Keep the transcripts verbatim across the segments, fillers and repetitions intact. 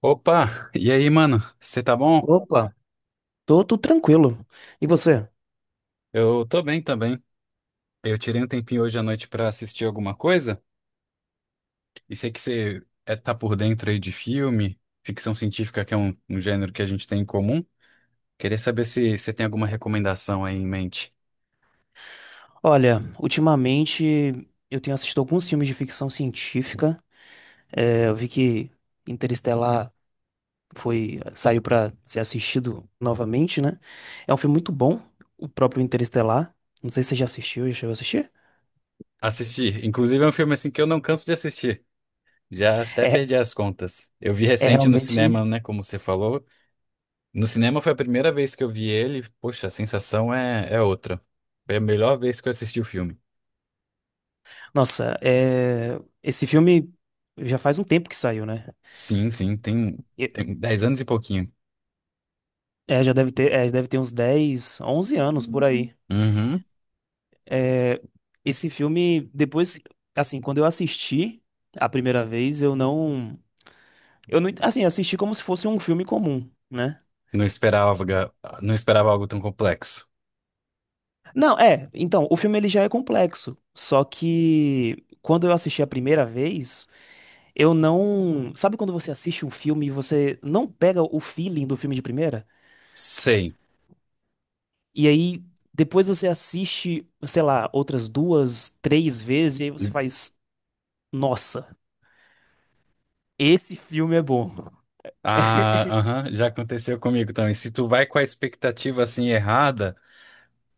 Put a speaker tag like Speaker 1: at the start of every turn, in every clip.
Speaker 1: Opa, e aí, mano? Você tá bom?
Speaker 2: Opa, tô, tô tranquilo. E você?
Speaker 1: Eu tô bem também. Eu tirei um tempinho hoje à noite pra assistir alguma coisa e sei que você é, tá por dentro aí de filme, ficção científica, que é um, um gênero que a gente tem em comum. Queria saber se você tem alguma recomendação aí em mente.
Speaker 2: Olha, ultimamente eu tenho assistido alguns filmes de ficção científica. É, eu vi que Interestelar foi, saiu pra ser assistido novamente, né? É um filme muito bom, o próprio Interestelar. Não sei se você já assistiu, já chegou a assistir?
Speaker 1: Assistir, inclusive é um filme assim que eu não canso de assistir. Já até
Speaker 2: É,
Speaker 1: perdi as contas. Eu vi
Speaker 2: é
Speaker 1: recente no
Speaker 2: realmente.
Speaker 1: cinema, né? Como você falou. No cinema foi a primeira vez que eu vi ele. Poxa, a sensação é, é outra. Foi a melhor vez que eu assisti o filme.
Speaker 2: Nossa, é, esse filme já faz um tempo que saiu, né?
Speaker 1: Sim, sim, tem,
Speaker 2: E-
Speaker 1: tem dez anos e pouquinho.
Speaker 2: É, já deve ter, é, deve ter uns dez, onze anos por aí.
Speaker 1: Uhum.
Speaker 2: É, esse filme, depois, assim, quando eu assisti a primeira vez, eu não, eu não, assim, assisti como se fosse um filme comum, né?
Speaker 1: Não esperava, não esperava algo tão complexo.
Speaker 2: Não, é, então, o filme ele já é complexo, só que quando eu assisti a primeira vez, eu não, sabe quando você assiste um filme e você não pega o feeling do filme de primeira?
Speaker 1: Sei.
Speaker 2: E aí depois você assiste, sei lá, outras duas, três vezes e aí você faz, nossa, esse filme é bom.
Speaker 1: Ah, aham, já aconteceu comigo também. Se tu vai com a expectativa assim errada,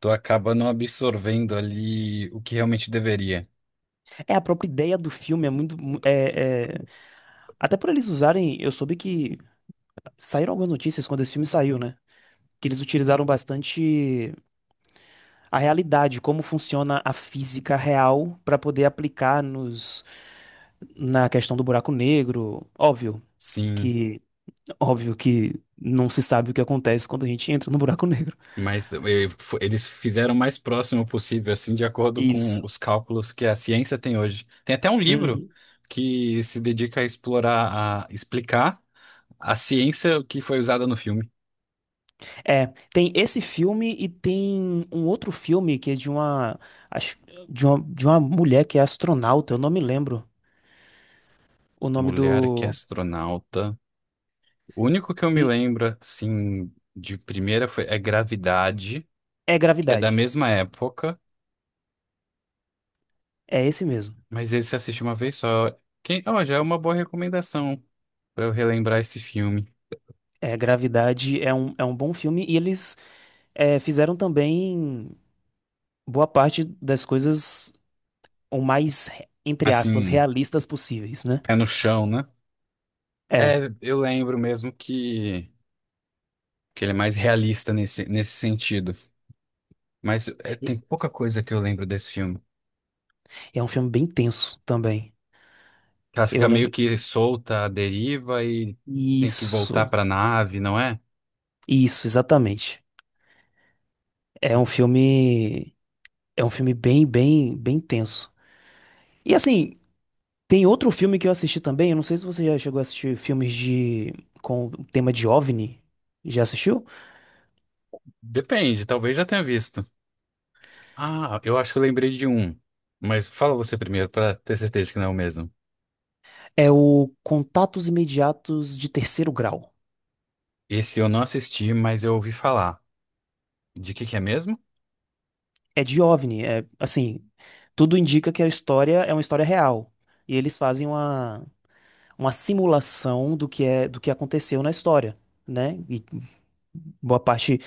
Speaker 1: tu acaba não absorvendo ali o que realmente deveria.
Speaker 2: É, a própria ideia do filme é muito. mu- É, é- Até por eles usarem. Eu soube que saíram algumas notícias quando esse filme saiu, né? Que eles utilizaram bastante a realidade, como funciona a física real, pra poder aplicar nos... na questão do buraco negro. Óbvio
Speaker 1: Sim,
Speaker 2: que. Óbvio que não se sabe o que acontece quando a gente entra no buraco negro.
Speaker 1: mas eh, fo- eles fizeram o mais próximo possível, assim, de acordo
Speaker 2: Isso.
Speaker 1: com os cálculos que a ciência tem hoje. Tem até um livro
Speaker 2: Uhum.
Speaker 1: que se dedica a explorar, a explicar a ciência que foi usada no filme.
Speaker 2: É, tem esse filme e tem um outro filme que é de uma, acho, de uma, de uma mulher que é astronauta, eu não me lembro o nome
Speaker 1: Mulher que é
Speaker 2: do.
Speaker 1: astronauta. O único que eu me
Speaker 2: e-
Speaker 1: lembro, assim, de primeira foi é Gravidade,
Speaker 2: É
Speaker 1: que é da
Speaker 2: Gravidade.
Speaker 1: mesma época,
Speaker 2: É esse mesmo.
Speaker 1: mas esse eu assisti uma vez só. Quem, ó, já é uma boa recomendação pra eu relembrar esse filme.
Speaker 2: É, Gravidade é um, é um bom filme e eles é, fizeram também boa parte das coisas o mais, re- entre aspas,
Speaker 1: Assim,
Speaker 2: realistas possíveis, né?
Speaker 1: é no chão, né?
Speaker 2: É.
Speaker 1: É, eu lembro mesmo que, que ele é mais realista nesse, nesse sentido. Mas é,
Speaker 2: E-
Speaker 1: tem pouca coisa que eu lembro desse filme.
Speaker 2: É um filme bem tenso também.
Speaker 1: Ela
Speaker 2: Eu
Speaker 1: fica meio
Speaker 2: lembro.
Speaker 1: que solta à deriva e tem que voltar
Speaker 2: Isso,
Speaker 1: pra nave, não é?
Speaker 2: isso, exatamente. É um filme. É um filme bem, bem, bem tenso. E assim, tem outro filme que eu assisti também. Eu não sei se você já chegou a assistir filmes de com o tema de O V N I. Já assistiu?
Speaker 1: Depende, talvez já tenha visto. Ah, eu acho que eu lembrei de um. Mas fala você primeiro, pra ter certeza que não é o mesmo.
Speaker 2: É o Contatos Imediatos de Terceiro Grau.
Speaker 1: Esse eu não assisti, mas eu ouvi falar. De que que é mesmo?
Speaker 2: É de O V N I. É assim, tudo indica que a história é uma história real. E eles fazem uma, uma simulação do que é do que aconteceu na história, né? E boa parte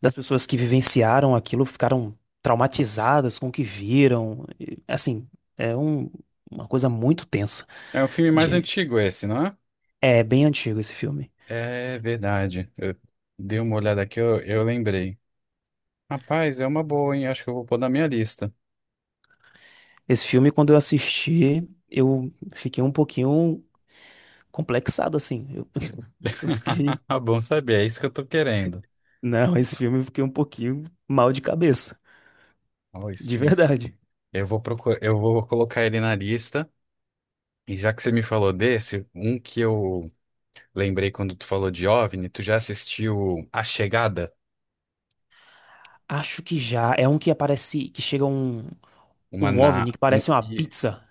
Speaker 2: das pessoas que vivenciaram aquilo ficaram traumatizadas com o que viram. E, assim, é um- uma coisa muito tensa.
Speaker 1: É o filme mais
Speaker 2: De-
Speaker 1: antigo esse, não é?
Speaker 2: É bem antigo esse filme.
Speaker 1: É verdade. Eu dei uma olhada aqui, eu, eu lembrei. Rapaz, é uma boa, hein? Acho que eu vou pôr na minha lista.
Speaker 2: Esse filme, quando eu assisti, eu fiquei um pouquinho complexado, assim. Eu, eu fiquei.
Speaker 1: Bom saber, é isso que eu tô querendo.
Speaker 2: Não, esse filme eu fiquei um pouquinho mal de cabeça.
Speaker 1: Ó,
Speaker 2: De
Speaker 1: Steven.
Speaker 2: verdade.
Speaker 1: Eu vou procurar, eu vou colocar ele na lista. E já que você me falou desse, um que eu lembrei quando tu falou de O V NI, tu já assistiu A Chegada?
Speaker 2: Acho que já. É um que aparece. Que chega um,
Speaker 1: Uma
Speaker 2: um O V N I
Speaker 1: na...
Speaker 2: que
Speaker 1: um-
Speaker 2: parece uma
Speaker 1: e-
Speaker 2: pizza.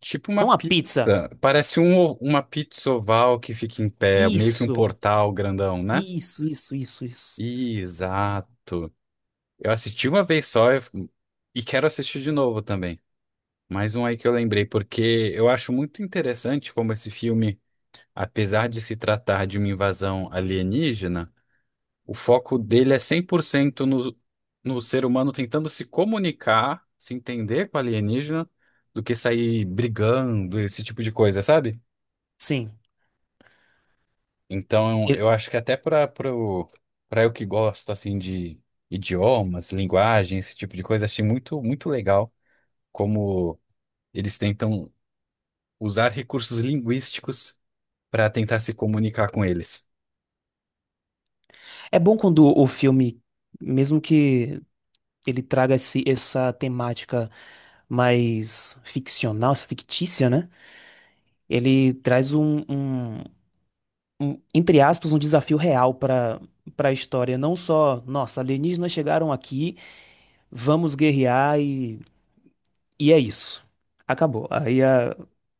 Speaker 1: Tipo uma
Speaker 2: Não uma
Speaker 1: pizza.
Speaker 2: pizza.
Speaker 1: Parece um, uma pizza oval que fica em pé, meio que um
Speaker 2: Isso.
Speaker 1: portal grandão, né?
Speaker 2: Isso, isso, isso, isso.
Speaker 1: Exato. Eu assisti uma vez só eu f- e quero assistir de novo também. Mais um aí que eu lembrei, porque eu acho muito interessante como esse filme, apesar de se tratar de uma invasão alienígena, o foco dele é cem por cento no, no ser humano tentando se comunicar, se entender com o alienígena, do que sair brigando, esse tipo de coisa, sabe?
Speaker 2: Sim.
Speaker 1: Então,
Speaker 2: E-
Speaker 1: eu acho que até para para eu que gosto assim de idiomas, linguagem, esse tipo de coisa, achei muito muito legal como eles tentam usar recursos linguísticos para tentar se comunicar com eles.
Speaker 2: É bom quando o filme, mesmo que ele traga esse, essa temática mais ficcional, essa fictícia, né? Ele traz um, um- um, entre aspas, um desafio real para para a história. Não só, nossa, alienígenas chegaram aqui, vamos guerrear e, e é isso. Acabou. Aí a-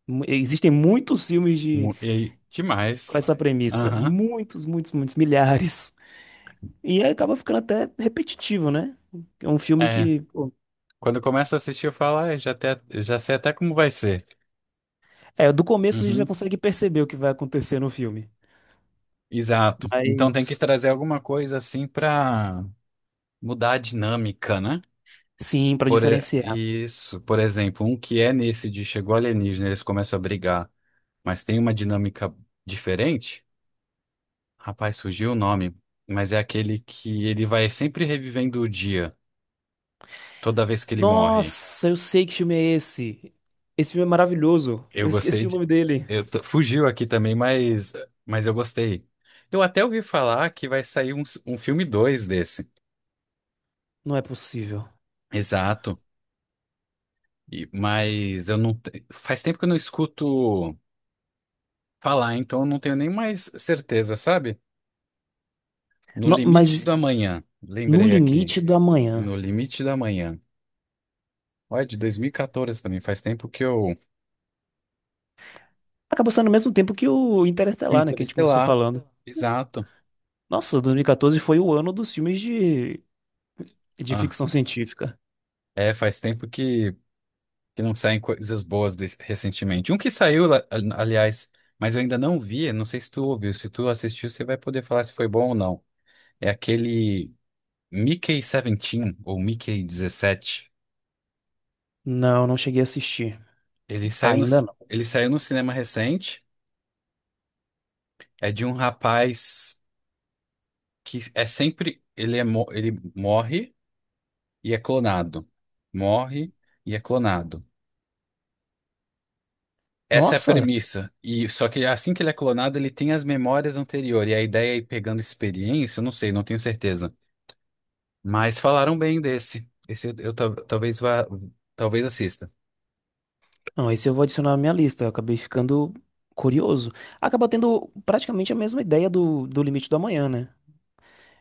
Speaker 2: mu- existem muitos filmes de,
Speaker 1: Mu- E que
Speaker 2: com
Speaker 1: mais?
Speaker 2: essa premissa.
Speaker 1: Aham.
Speaker 2: Muitos, muitos, muitos, milhares. E aí acaba ficando até repetitivo, né? É um filme
Speaker 1: É,
Speaker 2: que. Pô,
Speaker 1: quando eu começo a assistir, eu falo, ah, já, até, já sei até como vai ser.
Speaker 2: é, do começo a gente
Speaker 1: Uhum,
Speaker 2: já consegue perceber o que vai acontecer no filme.
Speaker 1: exato. Então tem que
Speaker 2: Mas,
Speaker 1: trazer alguma coisa assim pra mudar a dinâmica, né?
Speaker 2: sim, pra
Speaker 1: Por, e-
Speaker 2: diferenciar.
Speaker 1: isso, por exemplo, um que é nesse de chegou alienígena, eles começam a brigar, mas tem uma dinâmica diferente. Rapaz, surgiu o nome, mas é aquele que ele vai sempre revivendo o dia, toda vez que ele morre.
Speaker 2: Nossa, eu sei que filme é esse. Esse filme é maravilhoso.
Speaker 1: Eu
Speaker 2: Eu
Speaker 1: gostei
Speaker 2: esqueci o
Speaker 1: de...
Speaker 2: nome dele.
Speaker 1: eu tô- fugiu aqui também, mas... mas eu gostei. Eu até ouvi falar que vai sair um, um filme dois desse.
Speaker 2: Não é possível.
Speaker 1: Exato. E- Mas eu não. te- faz tempo que eu não escuto falar, então eu não tenho nem mais certeza, sabe? No
Speaker 2: No-
Speaker 1: Limite
Speaker 2: mas
Speaker 1: do Amanhã.
Speaker 2: No
Speaker 1: Lembrei aqui.
Speaker 2: Limite do Amanhã.
Speaker 1: No Limite do Amanhã. Olha, de dois mil e quatorze também. Faz tempo que eu.
Speaker 2: Acabou sendo ao mesmo tempo que o
Speaker 1: Que o
Speaker 2: Interestelar, né? Que a gente começou
Speaker 1: Interestelar.
Speaker 2: falando.
Speaker 1: Exato.
Speaker 2: Nossa, dois mil e quatorze foi o ano dos filmes de, de
Speaker 1: Ah,
Speaker 2: ficção científica.
Speaker 1: é, faz tempo que. Que não saem coisas boas des- recentemente. Um que saiu, la- aliás, mas eu ainda não vi, não sei se tu ouviu, se tu assistiu, você vai poder falar se foi bom ou não. É aquele Mickey dezessete ou Mickey Dezessete.
Speaker 2: Não, não cheguei a assistir.
Speaker 1: Ele saiu no,
Speaker 2: Ainda
Speaker 1: ci-
Speaker 2: não.
Speaker 1: ele saiu no cinema recente, é de um rapaz que é sempre, ele é, mo- ele morre e é clonado. Morre e é clonado. Essa é a
Speaker 2: Nossa!
Speaker 1: premissa. E só que assim que ele é clonado, ele tem as memórias anteriores. E a ideia é ir pegando experiência, eu não sei, não tenho certeza. Mas falaram bem desse. Esse eu, eu tal- talvez vá, talvez assista.
Speaker 2: Não, esse eu vou adicionar na minha lista. Eu acabei ficando curioso. Acaba tendo praticamente a mesma ideia do, do Limite do Amanhã, né?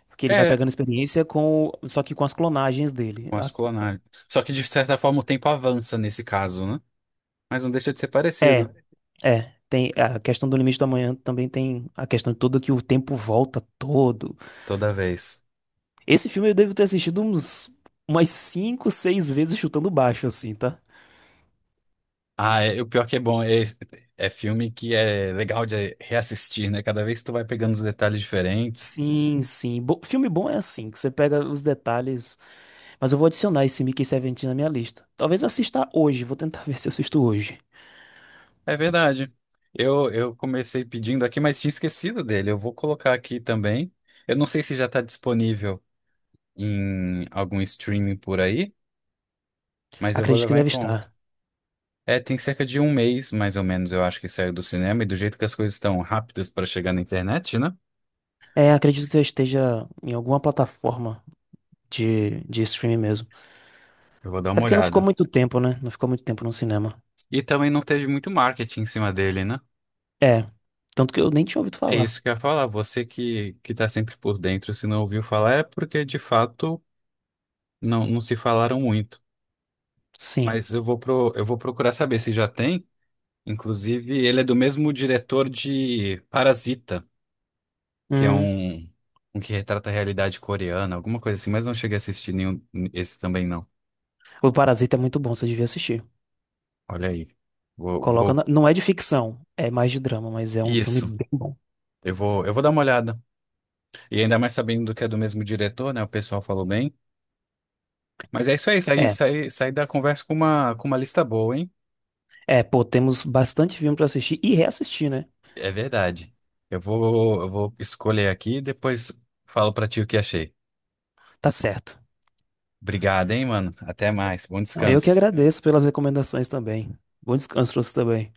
Speaker 2: Porque ele vai
Speaker 1: É,
Speaker 2: pegando experiência com, só que com as clonagens dele.
Speaker 1: com as
Speaker 2: A-
Speaker 1: clonagens. Só que de certa forma o tempo avança nesse caso, né? Mas não deixa de ser
Speaker 2: É,
Speaker 1: parecido
Speaker 2: é. Tem a questão do Limite do Amanhã também tem a questão toda que o tempo volta todo.
Speaker 1: toda vez.
Speaker 2: Esse filme eu devo ter assistido uns umas cinco, seis vezes chutando baixo, assim, tá?
Speaker 1: Ah, é, o pior que é bom é, é filme que é legal de reassistir, né? Cada vez tu vai pegando os detalhes diferentes.
Speaker 2: Sim, sim. Bo- filme bom é assim, que você pega os detalhes. Mas eu vou adicionar esse Mickey dezessete na minha lista. Talvez eu assista hoje, vou tentar ver se eu assisto hoje.
Speaker 1: É verdade. Eu, eu comecei pedindo aqui, mas tinha esquecido dele. Eu vou colocar aqui também. Eu não sei se já está disponível em algum streaming por aí, mas eu vou
Speaker 2: Acredito que
Speaker 1: levar em
Speaker 2: deve
Speaker 1: conta.
Speaker 2: estar.
Speaker 1: É, tem cerca de um mês, mais ou menos, eu acho que saiu do cinema, e do jeito que as coisas estão rápidas para chegar na internet, né?
Speaker 2: É, acredito que eu esteja em alguma plataforma de, de streaming mesmo.
Speaker 1: Eu vou dar
Speaker 2: Até
Speaker 1: uma
Speaker 2: porque não ficou
Speaker 1: olhada.
Speaker 2: muito tempo, né? Não ficou muito tempo no cinema.
Speaker 1: E também não teve muito marketing em cima dele, né?
Speaker 2: É, tanto que eu nem tinha ouvido
Speaker 1: É
Speaker 2: falar.
Speaker 1: isso que eu ia falar. Você que, que tá sempre por dentro, se não ouviu falar, é porque de fato não, não se falaram muito.
Speaker 2: Sim.
Speaker 1: Mas eu vou pro, eu vou procurar saber se já tem. Inclusive, ele é do mesmo diretor de Parasita, que é
Speaker 2: Hum,
Speaker 1: um, um que retrata a realidade coreana, alguma coisa assim, mas não cheguei a assistir nenhum esse também, não.
Speaker 2: o Parasita é muito bom, você devia assistir.
Speaker 1: Olha aí. Vou,
Speaker 2: Coloca na-
Speaker 1: vou.
Speaker 2: Não é de ficção, é mais de drama, mas é um filme
Speaker 1: Isso.
Speaker 2: bem bom.
Speaker 1: Eu vou, eu vou dar uma olhada. E ainda mais sabendo que é do mesmo diretor, né? O pessoal falou bem. Mas é isso aí, saí,
Speaker 2: É,
Speaker 1: saí, saí da conversa com uma, com uma lista boa, hein?
Speaker 2: é, pô, temos bastante filme pra assistir e reassistir, né?
Speaker 1: É verdade. Eu vou, eu vou escolher aqui e depois falo pra ti o que achei.
Speaker 2: Tá certo.
Speaker 1: Obrigado, hein, mano. Até mais. Bom
Speaker 2: Não, eu que
Speaker 1: descanso.
Speaker 2: agradeço pelas recomendações também. Bom descanso para você também.